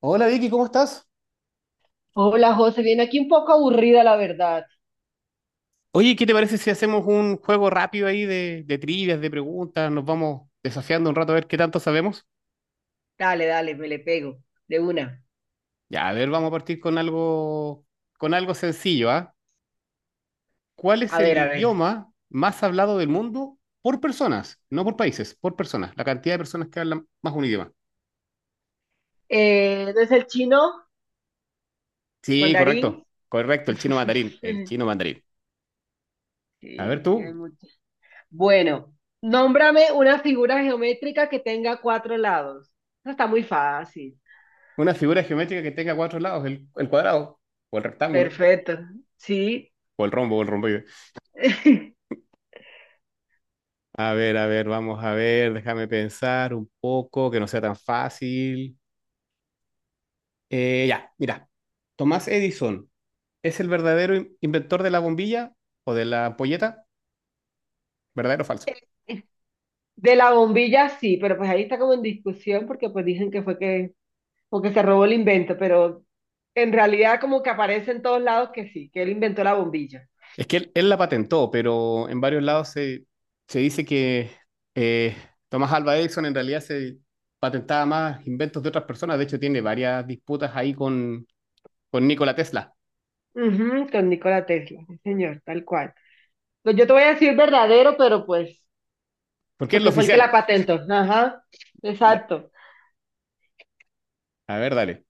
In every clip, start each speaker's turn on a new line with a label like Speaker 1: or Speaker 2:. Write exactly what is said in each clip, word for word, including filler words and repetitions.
Speaker 1: Hola Vicky, ¿cómo estás?
Speaker 2: Hola José, viene aquí un poco aburrida la verdad.
Speaker 1: Oye, ¿qué te parece si hacemos un juego rápido ahí de, de trivias, de preguntas? Nos vamos desafiando un rato a ver qué tanto sabemos.
Speaker 2: Dale, dale, me le pego. De una.
Speaker 1: Ya, a ver, vamos a partir con algo, con algo sencillo, ¿ah? ¿Cuál es
Speaker 2: A
Speaker 1: el
Speaker 2: ver, a ver.
Speaker 1: idioma más hablado del mundo por personas? No por países, por personas. La cantidad de personas que hablan más un idioma.
Speaker 2: Eh, ¿no es el chino?
Speaker 1: Sí,
Speaker 2: ¿Mandarín?
Speaker 1: correcto, correcto, el chino mandarín, el chino mandarín. A ver
Speaker 2: Sí, sí hay
Speaker 1: tú,
Speaker 2: mucho. Bueno, nómbrame una figura geométrica que tenga cuatro lados. Eso está muy fácil.
Speaker 1: una figura geométrica que tenga cuatro lados, el, el cuadrado, o el rectángulo,
Speaker 2: Perfecto. Sí.
Speaker 1: o el rombo, o el rombo. A ver, a ver, vamos a ver, déjame pensar un poco, que no sea tan fácil. Eh, ya, mira, Tomás Edison, ¿es el verdadero in- inventor de la bombilla o de la ampolleta? ¿Verdadero o falso?
Speaker 2: De la bombilla sí, pero pues ahí está como en discusión porque pues dicen que fue que, o que se robó el invento, pero en realidad como que aparece en todos lados que sí, que él inventó la bombilla.
Speaker 1: Es que él, él la patentó, pero en varios lados se, se dice que eh, Tomás Alva Edison en realidad se patentaba más inventos de otras personas. De hecho, tiene varias disputas ahí con, con Nikola Tesla,
Speaker 2: Ujú, con Nikola Tesla, sí, señor, tal cual. Pues yo te voy a decir verdadero, pero pues,
Speaker 1: porque es lo
Speaker 2: porque fue el que
Speaker 1: oficial.
Speaker 2: la patentó. Ajá,
Speaker 1: Da-
Speaker 2: exacto.
Speaker 1: A ver, dale.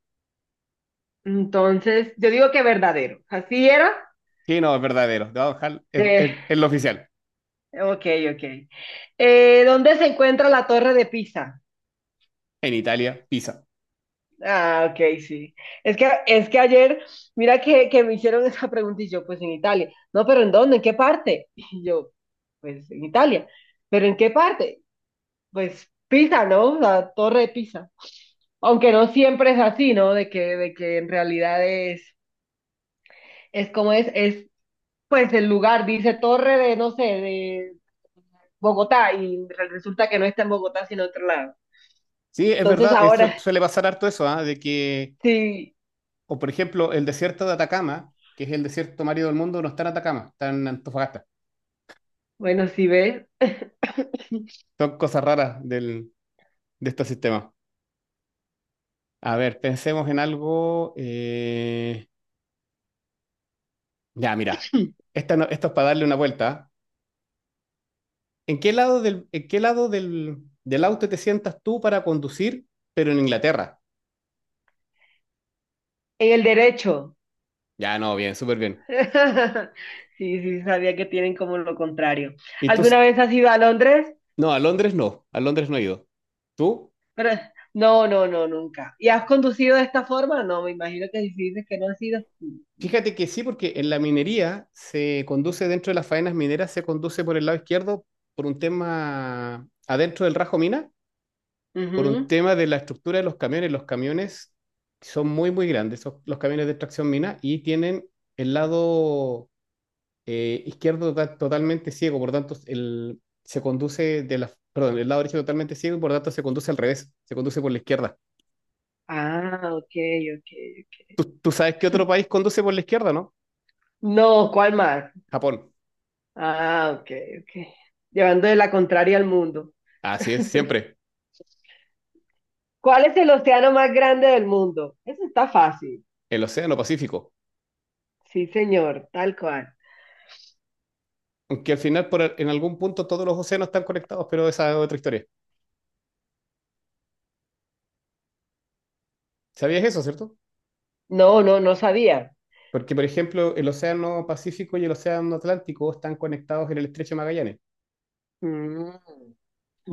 Speaker 2: Entonces, yo digo que verdadero. ¿Así era?
Speaker 1: Sí, no, es verdadero. Te voy a dejar- es, es
Speaker 2: Eh,
Speaker 1: es lo oficial.
Speaker 2: ok, ok. Eh, ¿dónde se encuentra la Torre de Pisa?
Speaker 1: En Italia, Pisa.
Speaker 2: Ah, ok, sí. Es que, es que ayer, mira que, que me hicieron esa pregunta y yo, pues en Italia. No, pero ¿en dónde? ¿En qué parte? Y yo, pues en Italia. ¿Pero en qué parte? Pues Pisa, ¿no? La Torre de Pisa. Aunque no siempre es así, ¿no? De que, de que en realidad es, es como es, es pues el lugar, dice Torre de, no sé, de Bogotá, y re- resulta que no está en Bogotá, sino en otro lado.
Speaker 1: Sí, es
Speaker 2: Entonces
Speaker 1: verdad, eso
Speaker 2: ahora,
Speaker 1: suele pasar harto eso, ¿ah? De que,
Speaker 2: sí,
Speaker 1: o por ejemplo, el desierto de Atacama, que es el desierto marido del mundo, no está en Atacama, está en Antofagasta.
Speaker 2: bueno, sí ves,
Speaker 1: Son cosas raras del, de este sistema. A ver, pensemos en algo. eh, Ya, mira, esta no- esto es para darle una vuelta, ¿ah? ¿En qué lado del, en qué lado del, del auto te sientas tú para conducir, pero en Inglaterra?
Speaker 2: el derecho.
Speaker 1: Ya, no, bien, súper bien.
Speaker 2: Sí, sí, sabía que tienen como lo contrario.
Speaker 1: Y tú,
Speaker 2: ¿Alguna
Speaker 1: s-
Speaker 2: vez has ido a Londres?
Speaker 1: no, a Londres no, a Londres no he ido. ¿Tú?
Speaker 2: Pero, no, no, no, nunca. ¿Y has conducido de esta forma? No, me imagino que si dices que no has ido.
Speaker 1: Fíjate que sí, porque en la minería se conduce dentro de las faenas mineras, se conduce por el lado izquierdo por un tema adentro del rajo mina, por un
Speaker 2: Ujú.
Speaker 1: tema de la estructura de los camiones. Los camiones son muy, muy grandes, son los camiones de extracción mina, y tienen el lado eh, izquierdo to- totalmente ciego, por tanto, el, se conduce de la, perdón, el lado derecho totalmente ciego y por tanto se conduce al revés, se conduce por la izquierda.
Speaker 2: Ah, ok, ok, ok.
Speaker 1: ¿Tú, tú sabes qué otro país conduce por la izquierda, no?
Speaker 2: No, ¿cuál mar?
Speaker 1: Japón.
Speaker 2: Ah, ok, ok. Llevando de la contraria al mundo.
Speaker 1: Así es, siempre.
Speaker 2: ¿Cuál es el océano más grande del mundo? Eso está fácil.
Speaker 1: El Océano Pacífico.
Speaker 2: Sí, señor, tal cual.
Speaker 1: Aunque al final, por, en algún punto, todos los océanos están conectados, pero esa es otra historia. ¿Sabías eso, cierto?
Speaker 2: No, no, no sabía.
Speaker 1: Porque, por ejemplo, el océano Pacífico y el océano Atlántico están conectados en el estrecho de Magallanes.
Speaker 2: Mm,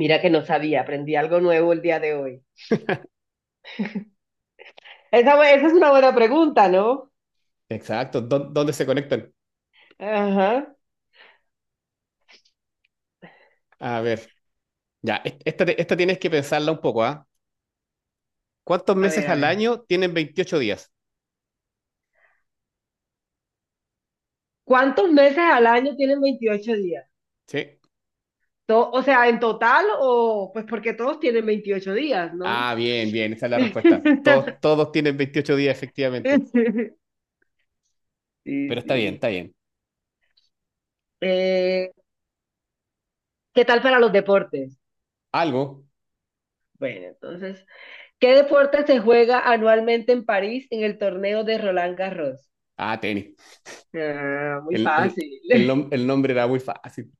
Speaker 2: mira que no sabía, aprendí algo nuevo el día de hoy. Esa, bu- esa es una buena pregunta, ¿no?
Speaker 1: Exacto. ¿Dó- ¿Dónde se conectan?
Speaker 2: Ajá.
Speaker 1: A ver, ya, est- esta, te- esta tienes que pensarla un poco, ¿ah? ¿Cuántos
Speaker 2: A ver,
Speaker 1: meses
Speaker 2: a
Speaker 1: al
Speaker 2: ver.
Speaker 1: año tienen veintiocho días?
Speaker 2: ¿Cuántos meses al año tienen veintiocho días?
Speaker 1: Sí.
Speaker 2: To- o sea, en total o pues porque todos tienen veintiocho días, ¿no?
Speaker 1: Ah, bien, bien, esa es la respuesta. Todos, todos tienen veintiocho días, efectivamente.
Speaker 2: Sí,
Speaker 1: Pero está bien,
Speaker 2: sí.
Speaker 1: está bien.
Speaker 2: Eh, ¿Qué tal para los deportes?
Speaker 1: Algo.
Speaker 2: Bueno, entonces, ¿qué deporte se juega anualmente en París en el torneo de Roland Garros?
Speaker 1: Ah, tenis.
Speaker 2: Ah, muy
Speaker 1: El, el,
Speaker 2: fácil.
Speaker 1: el, nom- el nombre era muy fácil.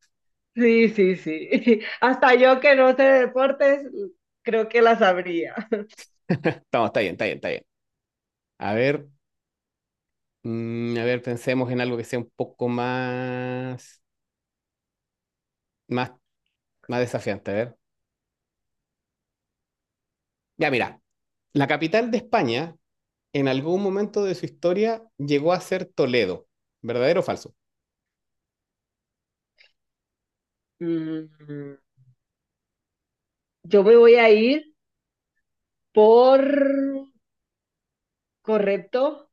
Speaker 2: Sí, sí, sí. Hasta yo que no sé de deportes, creo que la sabría.
Speaker 1: No, está bien, está bien, está bien. A ver, mm, a ver, pensemos en algo que sea un poco más, más, más desafiante. A ver. Ya, mira, la capital de España en algún momento de su historia llegó a ser Toledo. ¿Verdadero o falso?
Speaker 2: Mm, yo me voy a ir por correcto,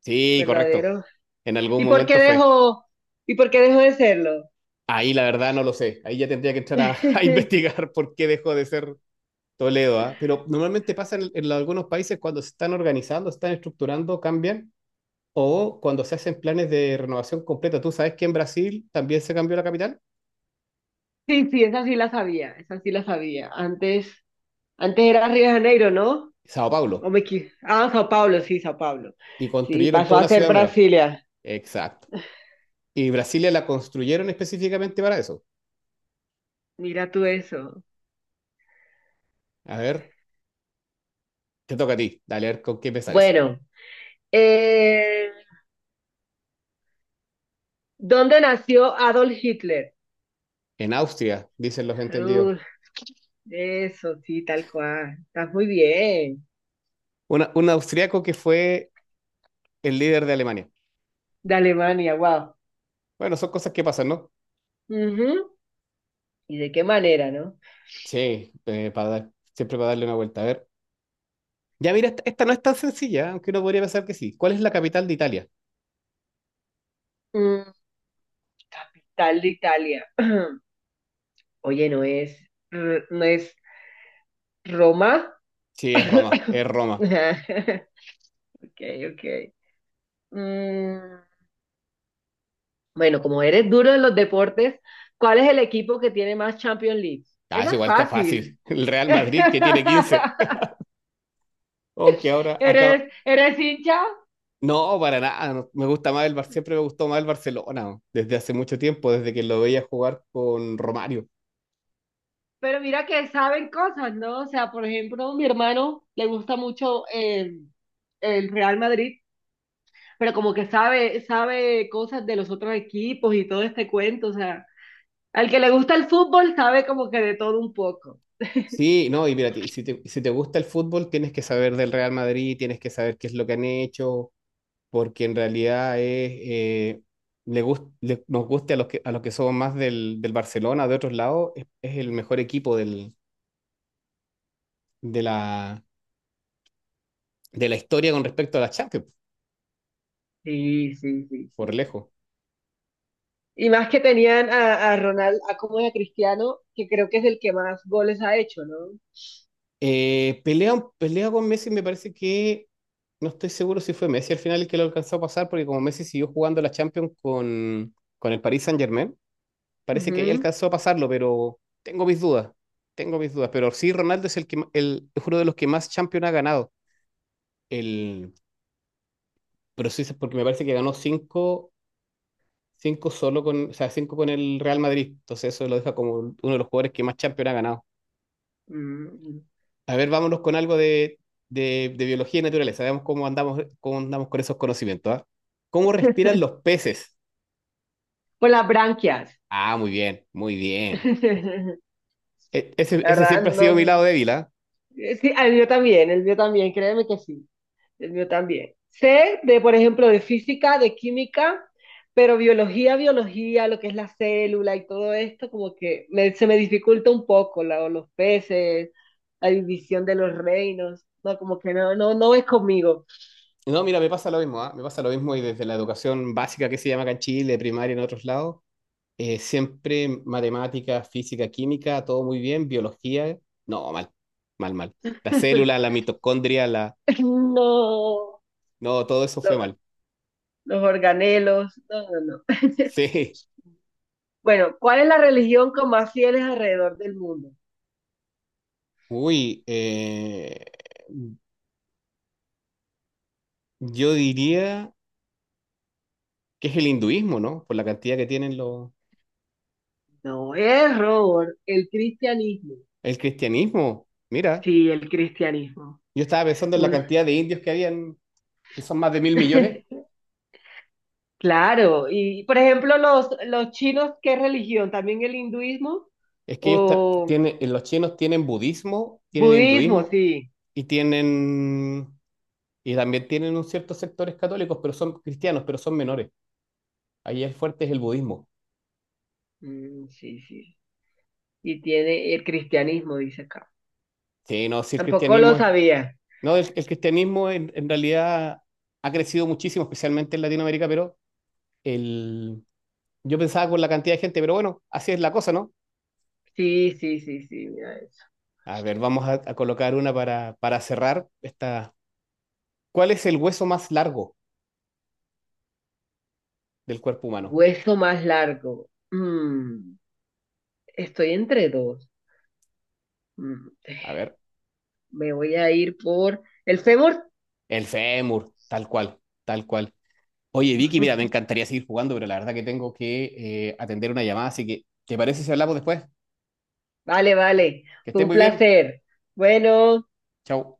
Speaker 1: Sí, correcto.
Speaker 2: verdadero.
Speaker 1: En algún
Speaker 2: ¿Y por qué
Speaker 1: momento fue.
Speaker 2: dejó, y por qué dejó de serlo?
Speaker 1: Ahí la verdad no lo sé. Ahí ya tendría que entrar a, a investigar por qué dejó de ser Toledo, ¿ah? Pero normalmente pasa en, en algunos países cuando se están organizando, se están estructurando, cambian. O cuando se hacen planes de renovación completa, tú sabes que en Brasil también se cambió la capital,
Speaker 2: Sí, sí, esa sí la sabía, esa sí la sabía. Antes, antes era Río de Janeiro, ¿no?
Speaker 1: Sao
Speaker 2: O
Speaker 1: Paulo,
Speaker 2: me equi- ah, Sao Paulo, sí, Sao Paulo.
Speaker 1: y
Speaker 2: Sí,
Speaker 1: construyeron
Speaker 2: pasó
Speaker 1: toda
Speaker 2: a
Speaker 1: una
Speaker 2: ser
Speaker 1: ciudad nueva.
Speaker 2: Brasilia.
Speaker 1: Exacto. Y Brasilia la construyeron específicamente para eso.
Speaker 2: Mira tú eso.
Speaker 1: A ver, te toca a ti, dale a ver con qué me sales.
Speaker 2: Bueno, eh, ¿dónde nació Adolf Hitler?
Speaker 1: En Austria, dicen los entendidos.
Speaker 2: Uf, eso, sí, tal cual. Estás muy bien.
Speaker 1: Una- un austriaco que fue el líder de Alemania.
Speaker 2: De Alemania, wow.
Speaker 1: Bueno, son cosas que pasan, ¿no?
Speaker 2: Ujú. ¿Y de qué manera, no?
Speaker 1: Sí, eh, para dar- siempre para darle una vuelta. A ver. Ya mira, esta, esta no es tan sencilla, aunque uno podría pensar que sí. ¿Cuál es la capital de Italia?
Speaker 2: Mm, tal de Italia. Oye, no es, r- no es Roma.
Speaker 1: Sí, es Roma, es Roma.
Speaker 2: Ok, ok. Mm, bueno, como eres duro en los deportes, ¿cuál es el equipo que tiene más Champions League?
Speaker 1: Ah, eso
Speaker 2: Esa es
Speaker 1: igual está
Speaker 2: fácil.
Speaker 1: fácil. El Real Madrid que tiene quince. Aunque ahora acaba.
Speaker 2: Eres, eres hincha,
Speaker 1: No, para nada, no, me gusta más el Bar... Siempre me gustó más el Barcelona, ¿no? Desde hace mucho tiempo, desde que lo veía jugar con Romario.
Speaker 2: pero mira que saben cosas, ¿no? O sea, por ejemplo, mi hermano le gusta mucho eh, el Real Madrid, pero como que sabe, sabe cosas de los otros equipos y todo este cuento, o sea. Al que le gusta el fútbol sabe como que de todo un poco.
Speaker 1: Sí, no, y mira, y si te, si te gusta el fútbol, tienes que saber del Real Madrid, tienes que saber qué es lo que han hecho, porque en realidad es, eh, le gust- le- nos guste a los que, a los que somos más del, del Barcelona, de otros lados, es, es el mejor equipo del, de la, de la historia con respecto a la Champions,
Speaker 2: Sí, sí, sí,
Speaker 1: por
Speaker 2: sí, sí.
Speaker 1: lejos.
Speaker 2: Y más que tenían a, a Ronald, a como a Cristiano, que creo que es el que más goles ha hecho, ¿no?
Speaker 1: Eh, pelea, pelea con Messi, me parece que no estoy seguro si fue Messi al final el que lo alcanzó a pasar, porque como Messi siguió jugando la Champions con, con el Paris Saint-Germain, parece que ahí
Speaker 2: Ujú.
Speaker 1: alcanzó a pasarlo, pero tengo mis dudas, tengo mis dudas. Pero sí, Ronaldo es, el que, ma- el, es uno de los que más Champions ha ganado. El, pero sí, es porque me parece que ganó cinco, cinco solo con, o sea, cinco con el Real Madrid. Entonces eso lo deja como uno de los jugadores que más Champions ha ganado.
Speaker 2: Mm,
Speaker 1: A ver, vámonos con algo de, de- de biología y naturaleza. Veamos cómo andamos, cómo andamos con esos conocimientos, ¿ah? ¿Cómo respiran los peces?
Speaker 2: por las branquias.
Speaker 1: Ah, muy bien, muy bien. E- ese,
Speaker 2: La
Speaker 1: ese siempre
Speaker 2: verdad,
Speaker 1: ha sido mi
Speaker 2: no.
Speaker 1: lado débil, ¿ah?
Speaker 2: Eh, sí, el mío también, el mío también, créeme que sí, el mío también. Sé de, por ejemplo, de física, de química, pero biología, biología, lo que es la célula y todo esto, como que me- se me dificulta un poco, la- los peces, la división de los reinos, no, como que no, no, no es conmigo.
Speaker 1: No, mira, me pasa lo mismo, ¿ah? Me pasa lo mismo y desde la educación básica que se llama acá en Chile, primaria en otros lados, eh, siempre matemática, física, química, todo muy bien, biología, no, mal, mal, mal. La célula, la mitocondria, la...
Speaker 2: No,
Speaker 1: No, todo eso fue
Speaker 2: los,
Speaker 1: mal.
Speaker 2: los organelos, no, no, no.
Speaker 1: Sí.
Speaker 2: Bueno, ¿cuál es la religión con más fieles alrededor del mundo?
Speaker 1: Uy, eh... Yo diría que es el hinduismo, ¿no? Por la cantidad que tienen los...
Speaker 2: No es Robert, el cristianismo.
Speaker 1: El cristianismo, mira,
Speaker 2: Sí, el cristianismo.
Speaker 1: yo estaba pensando en la
Speaker 2: Un-
Speaker 1: cantidad de indios que habían, que son más de mil millones.
Speaker 2: Claro, y por ejemplo, los, los chinos, ¿qué religión? ¿También el hinduismo?
Speaker 1: Es que ellos ta-
Speaker 2: ¿O
Speaker 1: tienen, los chinos tienen budismo, tienen
Speaker 2: budismo?
Speaker 1: hinduismo
Speaker 2: Sí.
Speaker 1: y tienen... Y también tienen un ciertos sectores católicos, pero son cristianos, pero son menores. Ahí el fuerte es el budismo.
Speaker 2: Mm, sí, sí. Y tiene el cristianismo, dice acá.
Speaker 1: Sí, no, sí, el
Speaker 2: Tampoco lo
Speaker 1: cristianismo es...
Speaker 2: sabía.
Speaker 1: No, el, el cristianismo en, en realidad ha crecido muchísimo, especialmente en Latinoamérica, pero el... Yo pensaba con la cantidad de gente, pero bueno, así es la cosa, ¿no?
Speaker 2: Sí, sí, sí, sí, mira eso.
Speaker 1: A ver, vamos a, a colocar una para, para cerrar esta. ¿Cuál es el hueso más largo del cuerpo humano?
Speaker 2: Hueso más largo. Mm, estoy entre dos. Mm,
Speaker 1: A ver,
Speaker 2: me voy a ir por el fémur.
Speaker 1: el fémur, tal cual, tal cual. Oye, Vicky, mira, me encantaría seguir jugando, pero la verdad que tengo que eh, atender una llamada, así que ¿te parece si hablamos después?
Speaker 2: Vale, vale.
Speaker 1: Que
Speaker 2: Fue
Speaker 1: estés
Speaker 2: un
Speaker 1: muy bien.
Speaker 2: placer. Bueno.
Speaker 1: Chao.